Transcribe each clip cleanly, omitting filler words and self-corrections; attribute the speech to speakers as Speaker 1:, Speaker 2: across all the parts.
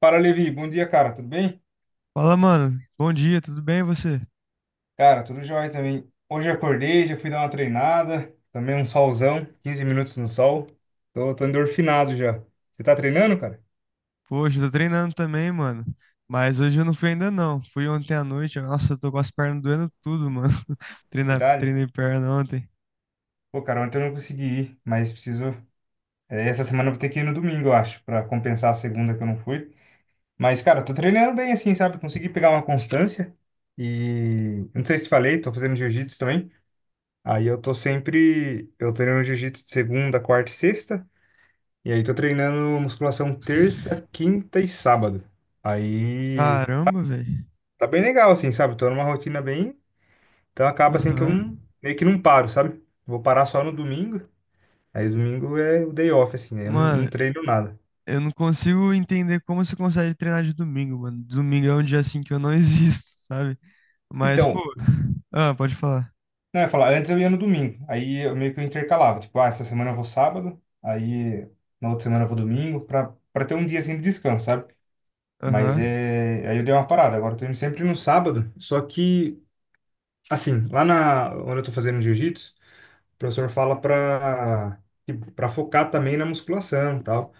Speaker 1: Fala, Levi. Bom dia, cara. Tudo bem?
Speaker 2: Fala, mano. Bom dia, tudo bem e você?
Speaker 1: Cara, tudo jóia também. Hoje eu acordei, já fui dar uma treinada. Também um solzão, 15 minutos no sol. Tô endorfinado já. Você tá treinando, cara?
Speaker 2: Poxa, eu tô treinando também, mano. Mas hoje eu não fui ainda não. Fui ontem à noite. Nossa, eu tô com as pernas doendo tudo, mano. Treinar,
Speaker 1: Verdade?
Speaker 2: treinei perna ontem.
Speaker 1: Pô, cara, ontem eu não consegui ir, mas preciso. É, essa semana eu vou ter que ir no domingo, eu acho, pra compensar a segunda que eu não fui. Mas, cara, eu tô treinando bem assim, sabe? Consegui pegar uma constância. E não sei se falei, tô fazendo jiu-jitsu também. Aí eu tô sempre. Eu treino jiu-jitsu de segunda, quarta e sexta. E aí, tô treinando musculação terça, quinta e sábado. Aí,
Speaker 2: Caramba, velho.
Speaker 1: tá bem legal, assim, sabe? Tô numa rotina bem. Então acaba assim que eu não,
Speaker 2: Aham.
Speaker 1: meio que não paro, sabe? Vou parar só no domingo. Aí, domingo é o day off, assim, né? Eu não
Speaker 2: Mano,
Speaker 1: treino nada.
Speaker 2: eu não consigo entender como você consegue treinar de domingo, mano. Domingo é um dia assim que eu não existo, sabe? Mas, pô.
Speaker 1: Então,
Speaker 2: Ah, pode falar.
Speaker 1: não, eu ia falar, antes eu ia no domingo. Aí eu meio que eu intercalava. Tipo, ah, essa semana eu vou sábado. Aí, na outra semana eu vou domingo. Pra ter um dia assim de descanso, sabe? Mas
Speaker 2: Aham.
Speaker 1: é. Aí eu dei uma parada. Agora eu tô indo sempre no sábado. Só que. Assim, lá na, onde eu tô fazendo jiu-jitsu, o professor fala para focar também na musculação, e tal.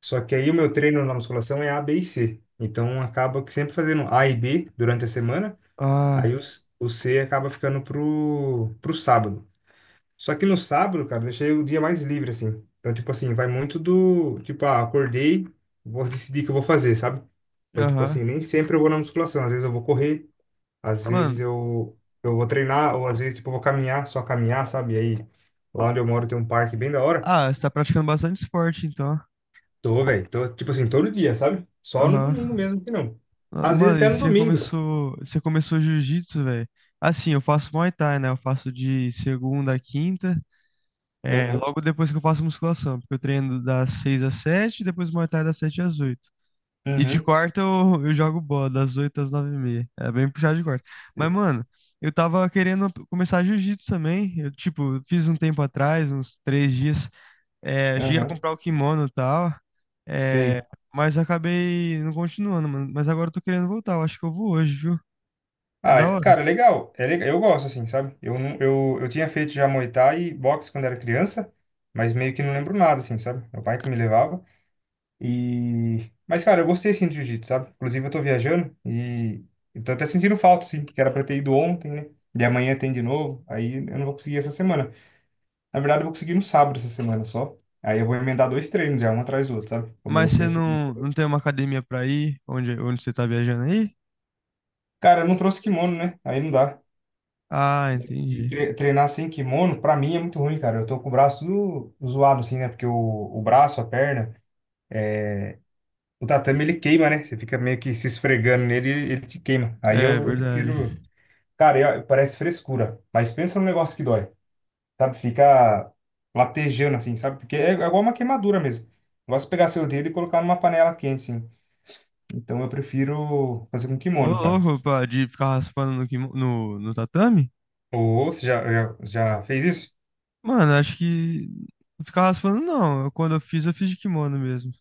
Speaker 1: Só que aí o meu treino na musculação é A, B e C. Então acaba que sempre fazendo A e B durante a semana,
Speaker 2: Ah,
Speaker 1: aí o, o C acaba ficando pro sábado. Só que no sábado, cara, eu deixei o dia mais livre assim. Então tipo assim, vai muito do, tipo, ah, acordei, vou decidir o que eu vou fazer, sabe? Então, tipo
Speaker 2: aham.
Speaker 1: assim, nem sempre eu vou na musculação. Às vezes eu vou correr, às
Speaker 2: Mano,
Speaker 1: vezes eu vou treinar, ou às vezes, tipo, eu vou caminhar, só caminhar, sabe? E aí, lá onde eu moro tem um parque bem da hora.
Speaker 2: ah, você tá praticando bastante esporte, então.
Speaker 1: Tô, velho, tô, tipo assim, todo dia, sabe? Só no
Speaker 2: Aham.
Speaker 1: domingo mesmo que não.
Speaker 2: Ah,
Speaker 1: Às vezes
Speaker 2: mano,
Speaker 1: até
Speaker 2: e
Speaker 1: no
Speaker 2: você
Speaker 1: domingo.
Speaker 2: começou, você começou jiu-jitsu, velho? Assim, eu faço Muay Thai, né? Eu faço de segunda a quinta,
Speaker 1: Aham,
Speaker 2: logo depois que eu faço musculação, porque eu treino das 6 às 7, depois Muay Thai das 7 às 8. E de
Speaker 1: uhum,
Speaker 2: quarta eu jogo bola, das 8 às 9h30. É bem puxado de quarta. Mas,
Speaker 1: sei.
Speaker 2: mano, eu tava querendo começar jiu-jitsu também. Eu, tipo, fiz um tempo atrás, uns 3 dias. É, cheguei a
Speaker 1: Aham,
Speaker 2: comprar o kimono e tal. É,
Speaker 1: sei.
Speaker 2: mas acabei não continuando, mano. Mas agora eu tô querendo voltar. Eu acho que eu vou hoje, viu? É
Speaker 1: Ah,
Speaker 2: da hora.
Speaker 1: cara, é legal, eu gosto, assim, sabe? Eu, não- eu tinha feito já Muay Thai e boxe quando era criança, mas meio que não lembro nada, assim, sabe? Meu pai que me levava. E... Mas, cara, eu gostei, assim, do jiu-jitsu, sabe? Inclusive, eu tô viajando e eu tô até sentindo falta, assim, porque era pra ter ido ontem, né? E amanhã tem de novo, aí eu não vou conseguir essa semana. Na verdade, eu vou conseguir no sábado essa semana só. Aí eu vou emendar 2 treinos já, um atrás do outro, sabe? Como eu não
Speaker 2: Mas
Speaker 1: fui
Speaker 2: você
Speaker 1: essa...
Speaker 2: não tem uma academia pra ir? Onde você tá viajando aí?
Speaker 1: Cara, eu não trouxe kimono, né? Aí não dá.
Speaker 2: Ah,
Speaker 1: E
Speaker 2: entendi.
Speaker 1: treinar sem kimono, pra mim, é muito ruim, cara. Eu tô com o braço tudo zoado, assim, né? Porque o braço, a perna, o tatame, ele queima, né? Você fica meio que se esfregando nele e ele te queima. Aí
Speaker 2: É
Speaker 1: eu
Speaker 2: verdade.
Speaker 1: prefiro... Cara, parece frescura, mas pensa num negócio que dói, sabe? Fica latejando assim, sabe? Porque é, é igual uma queimadura mesmo. Eu gosto de pegar seu dedo e colocar numa panela quente, assim. Então eu prefiro fazer com
Speaker 2: Ô,
Speaker 1: kimono, cara.
Speaker 2: louco, pá, de ficar raspando no tatame?
Speaker 1: Ou você já fez isso?
Speaker 2: Mano, acho que não ficar raspando, não. Quando eu fiz de kimono mesmo.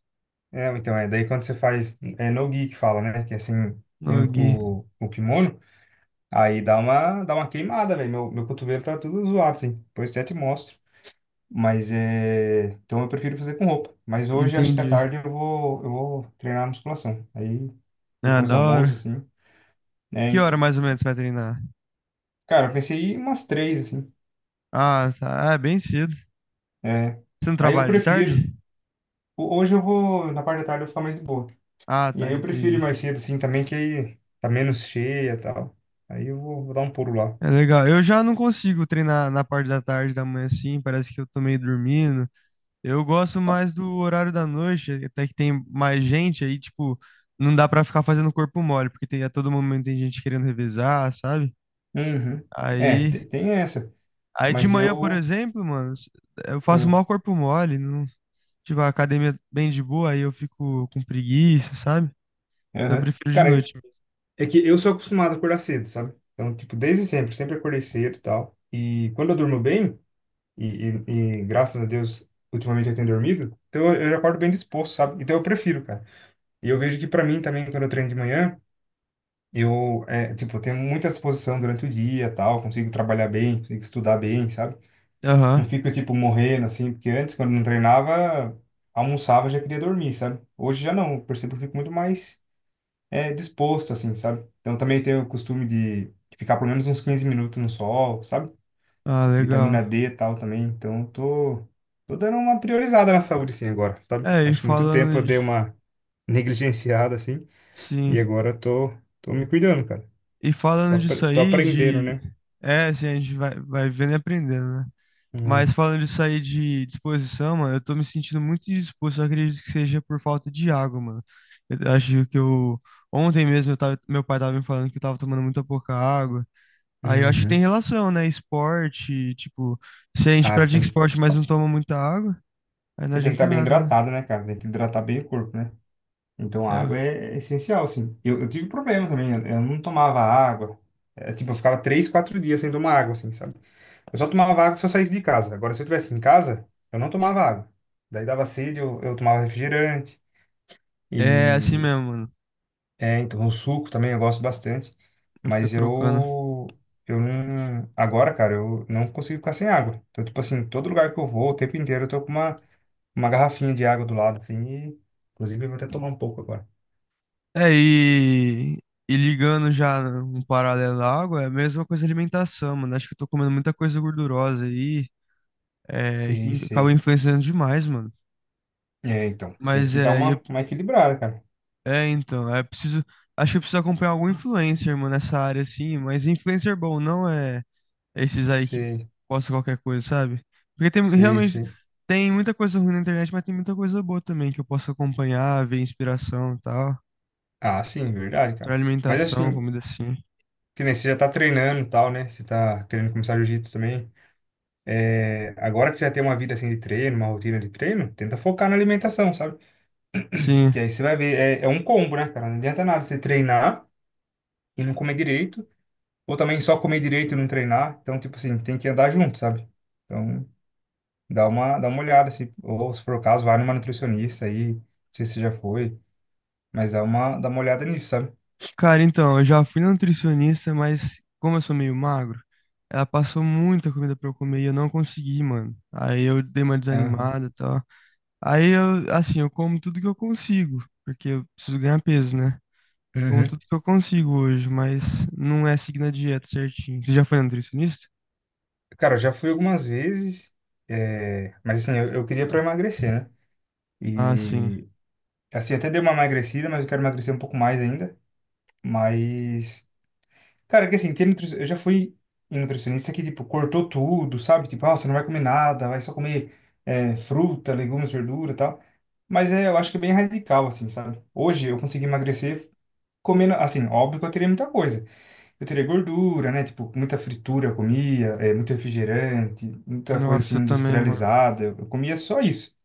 Speaker 1: É, então é. Daí quando você faz, é no-gi que fala, né? Que é assim,
Speaker 2: No
Speaker 1: tem
Speaker 2: gi.
Speaker 1: o, o kimono, aí dá uma queimada, velho. Meu cotovelo tá tudo zoado, assim. Depois eu até te mostro. Mas é. Então eu prefiro fazer com roupa. Mas hoje, acho que à
Speaker 2: Entendi.
Speaker 1: tarde, eu vou treinar musculação. Aí,
Speaker 2: Ah,
Speaker 1: depois do
Speaker 2: da
Speaker 1: almoço,
Speaker 2: hora.
Speaker 1: assim. É,
Speaker 2: Que hora
Speaker 1: então.
Speaker 2: mais ou menos você vai treinar?
Speaker 1: Cara, eu pensei em umas 3, assim.
Speaker 2: Ah, tá. Ah, é bem cedo.
Speaker 1: É.
Speaker 2: Você não
Speaker 1: Aí eu
Speaker 2: trabalha de
Speaker 1: prefiro.
Speaker 2: tarde?
Speaker 1: Hoje eu vou. Na parte da tarde eu vou ficar mais de boa.
Speaker 2: Ah,
Speaker 1: E aí
Speaker 2: tá,
Speaker 1: eu prefiro ir
Speaker 2: entendi.
Speaker 1: mais cedo, assim, também, que aí tá menos cheia e tal. Aí eu vou dar um pulo lá.
Speaker 2: É legal. Eu já não consigo treinar na parte da tarde, da manhã assim. Parece que eu tô meio dormindo. Eu gosto mais do horário da noite, até que tem mais gente aí, tipo, não dá pra ficar fazendo corpo mole, porque tem, a todo momento tem gente querendo revezar, sabe?
Speaker 1: Uhum. É,
Speaker 2: Aí.
Speaker 1: tem essa.
Speaker 2: Aí de
Speaker 1: Mas
Speaker 2: manhã, por
Speaker 1: eu.
Speaker 2: exemplo, mano, eu faço
Speaker 1: eu-
Speaker 2: mal corpo mole, não, tipo, a academia bem de boa, aí eu fico com preguiça, sabe? Então eu
Speaker 1: Aham.
Speaker 2: prefiro de
Speaker 1: Cara,
Speaker 2: noite mesmo.
Speaker 1: é que eu sou acostumado a acordar cedo, sabe? Então, tipo, desde sempre, sempre acordei cedo e tal. E quando eu durmo bem, e, e, e graças a Deus, ultimamente eu tenho dormido, então eu acordo bem disposto, sabe? Então eu prefiro, cara. E eu vejo que pra mim também, quando eu treino de manhã, eu tenho muita disposição durante o dia e tal, consigo trabalhar bem, consigo estudar bem, sabe?
Speaker 2: Aham.
Speaker 1: Não fico, tipo, morrendo, assim, porque antes, quando não treinava, almoçava, já queria dormir, sabe? Hoje já não, eu percebo que eu fico muito mais disposto, assim, sabe? Então também tenho o costume de ficar pelo menos uns 15 minutos no sol, sabe?
Speaker 2: Ah, legal.
Speaker 1: Vitamina D e tal também. Então tô dando uma priorizada na saúde, sim, agora, sabe?
Speaker 2: É, e
Speaker 1: Acho que muito tempo eu
Speaker 2: falando de,
Speaker 1: dei uma negligenciada, assim,
Speaker 2: sim,
Speaker 1: e agora eu tô me cuidando, cara.
Speaker 2: e
Speaker 1: Tô,
Speaker 2: falando disso
Speaker 1: tô
Speaker 2: aí
Speaker 1: aprendendo,
Speaker 2: de,
Speaker 1: né?
Speaker 2: é, assim, a gente vai vendo e aprendendo, né?
Speaker 1: É.
Speaker 2: Mas falando disso aí de disposição, mano, eu tô me sentindo muito indisposto, eu acredito que seja por falta de água, mano. Eu acho que eu ontem mesmo eu tava, meu pai tava me falando que eu tava tomando muita pouca água. Aí eu acho que tem
Speaker 1: Uhum.
Speaker 2: relação, né? Esporte, tipo, se a gente
Speaker 1: Ah,
Speaker 2: pratica
Speaker 1: sim.
Speaker 2: esporte, mas não toma muita água, aí não
Speaker 1: Você tem que estar
Speaker 2: adianta
Speaker 1: bem
Speaker 2: nada, né?
Speaker 1: hidratado, né, cara? Tem que hidratar bem o corpo, né? Então, a água é essencial, assim. Eu tive problema também, eu não tomava água. É, tipo, eu ficava 3, 4 dias sem tomar água, assim, sabe? Eu só tomava água se eu saísse de casa. Agora, se eu estivesse em casa, eu não tomava água. Daí dava sede, eu tomava refrigerante.
Speaker 2: É, é assim
Speaker 1: E,
Speaker 2: mesmo, mano.
Speaker 1: é, então, o suco também eu gosto bastante.
Speaker 2: Eu fico
Speaker 1: Mas
Speaker 2: trocando.
Speaker 1: eu não... Agora, cara, eu não consigo ficar sem água. Então, tipo assim, todo lugar que eu vou, o tempo inteiro, eu tô com uma garrafinha de água do lado, assim, e, inclusive, eu vou até tomar um pouco agora.
Speaker 2: É, e ligando já um paralelo à água, é a mesma coisa a alimentação, mano. Acho que eu tô comendo muita coisa gordurosa aí, que
Speaker 1: Sei,
Speaker 2: acaba
Speaker 1: sei.
Speaker 2: influenciando demais, mano.
Speaker 1: É, então, tem
Speaker 2: Mas
Speaker 1: que dar
Speaker 2: é, e eu-
Speaker 1: uma equilibrada, cara.
Speaker 2: é, então, é preciso. Acho que eu preciso acompanhar algum influencer, mano, nessa área, assim. Mas influencer bom não é. Esses aí que
Speaker 1: Sei,
Speaker 2: postam qualquer coisa, sabe? Porque tem
Speaker 1: sei,
Speaker 2: realmente
Speaker 1: sei.
Speaker 2: tem muita coisa ruim na internet, mas tem muita coisa boa também que eu posso acompanhar, ver inspiração e tal,
Speaker 1: Ah, sim, verdade,
Speaker 2: pra
Speaker 1: cara. Mas
Speaker 2: alimentação,
Speaker 1: assim,
Speaker 2: comida assim.
Speaker 1: que nem você já tá treinando e tal, né? Você tá querendo começar jiu-jitsu também. É, agora que você já tem uma vida assim de treino, uma rotina de treino, tenta focar na alimentação, sabe?
Speaker 2: Sim.
Speaker 1: Que aí você vai ver, é um combo, né, cara? Não adianta nada você treinar e não comer direito, ou também só comer direito e não treinar. Então, tipo assim, tem que andar junto, sabe? Então, dá uma olhada, se, ou se for o caso, vai numa nutricionista aí, não sei se você já foi. Mas dá uma olhada nisso, sabe?
Speaker 2: Cara, então, eu já fui na nutricionista, mas como eu sou meio magro, ela passou muita comida pra eu comer e eu não consegui, mano. Aí eu dei uma
Speaker 1: Aham.
Speaker 2: desanimada e tal. Aí eu, assim, eu como tudo que eu consigo, porque eu preciso ganhar peso, né? Como
Speaker 1: Uhum.
Speaker 2: tudo que eu consigo hoje, mas não é seguir na dieta certinho. Você já foi nutricionista?
Speaker 1: Cara, eu já fui algumas vezes, mas assim, eu queria pra emagrecer, né?
Speaker 2: Ah, sim.
Speaker 1: E assim, até dei uma emagrecida, mas eu quero emagrecer um pouco mais ainda. Mas, cara, é que assim, tem eu já fui em nutricionista que, tipo, cortou tudo, sabe? Tipo, ah, você não vai comer nada, vai só comer fruta, legumes, verdura e tal. Mas é, eu acho que é bem radical, assim, sabe? Hoje eu consegui emagrecer comendo, assim, óbvio que eu teria muita coisa. Eu teria gordura, né? Tipo, muita fritura eu comia, muito refrigerante, muita coisa assim
Speaker 2: Nossa, eu também, mano.
Speaker 1: industrializada. Eu comia só isso.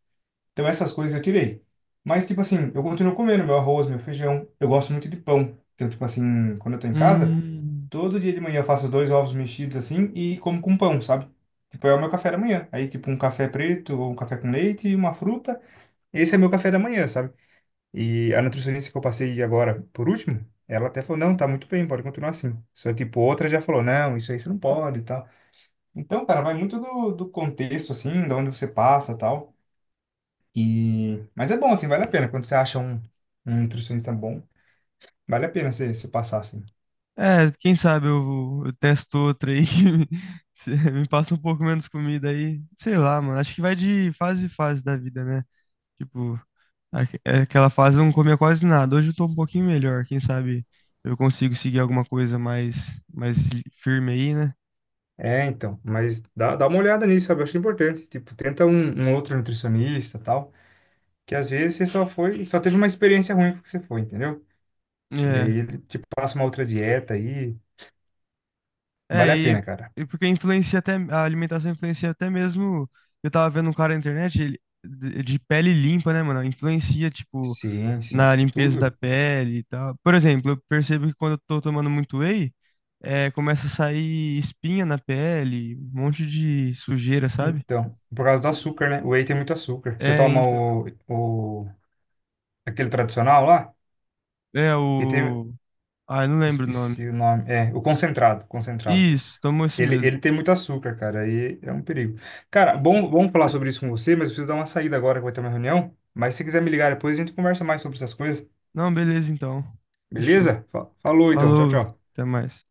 Speaker 1: Então essas coisas eu tirei. Mas, tipo assim, eu continuo comendo meu arroz, meu feijão. Eu gosto muito de pão. Então, tipo assim, quando eu tô em casa,
Speaker 2: Hum.
Speaker 1: todo dia de manhã eu faço 2 ovos mexidos assim e como com pão, sabe? Tipo, é o meu café da manhã. Aí, tipo, um café preto ou um café com leite e uma fruta. Esse é meu café da manhã, sabe? E a nutricionista que eu passei agora, por último, ela até falou, não, tá muito bem, pode continuar assim. Só, tipo, outra já falou, não, isso aí você não pode e tal. Então, cara, vai muito do, do contexto, assim, de onde você passa e tal. E... Mas é bom, assim, vale a pena. Quando você acha um, um nutricionista bom, vale a pena você, você passar, assim.
Speaker 2: É, quem sabe eu testo outra aí que me, se- me passa um pouco menos comida aí. Sei lá, mano. Acho que vai de fase em fase da vida, né? Tipo, é aquela fase eu não comia quase nada. Hoje eu tô um pouquinho melhor. Quem sabe eu consigo seguir alguma coisa mais firme aí, né?
Speaker 1: É, então, mas dá uma olhada nisso, sabe? Eu acho importante. Tipo, tenta um, um outro nutricionista e tal, que às vezes você só foi, só teve uma experiência ruim com o que você foi, entendeu? E
Speaker 2: É.
Speaker 1: aí ele te passa uma outra dieta aí,
Speaker 2: É,
Speaker 1: vale a
Speaker 2: e,
Speaker 1: pena, cara.
Speaker 2: e porque influencia até, a alimentação influencia até mesmo. Eu tava vendo um cara na internet, ele, de pele limpa, né, mano? Influencia, tipo,
Speaker 1: Sim, sim.
Speaker 2: na limpeza da
Speaker 1: Tudo.
Speaker 2: pele e tal. Por exemplo, eu percebo que quando eu tô tomando muito whey, começa a sair espinha na pele, um monte de sujeira, sabe?
Speaker 1: Então, por causa do açúcar, né? O whey tem muito açúcar. Você
Speaker 2: É,
Speaker 1: toma
Speaker 2: então.
Speaker 1: o, aquele tradicional lá,
Speaker 2: É
Speaker 1: que tem, eu
Speaker 2: o. Ah, eu não lembro o nome.
Speaker 1: esqueci o nome, é, o concentrado, concentrado.
Speaker 2: Isso, tomou esse
Speaker 1: Ele,
Speaker 2: mesmo.
Speaker 1: ele tem muito açúcar, cara, aí é um perigo. Cara, bom, bom falar sobre isso com você, mas eu preciso dar uma saída agora que vai ter uma reunião. Mas se quiser me ligar depois, a gente conversa mais sobre essas coisas,
Speaker 2: Não, beleza então. Fechou.
Speaker 1: beleza? Falou então, tchau,
Speaker 2: Falou,
Speaker 1: tchau.
Speaker 2: até mais.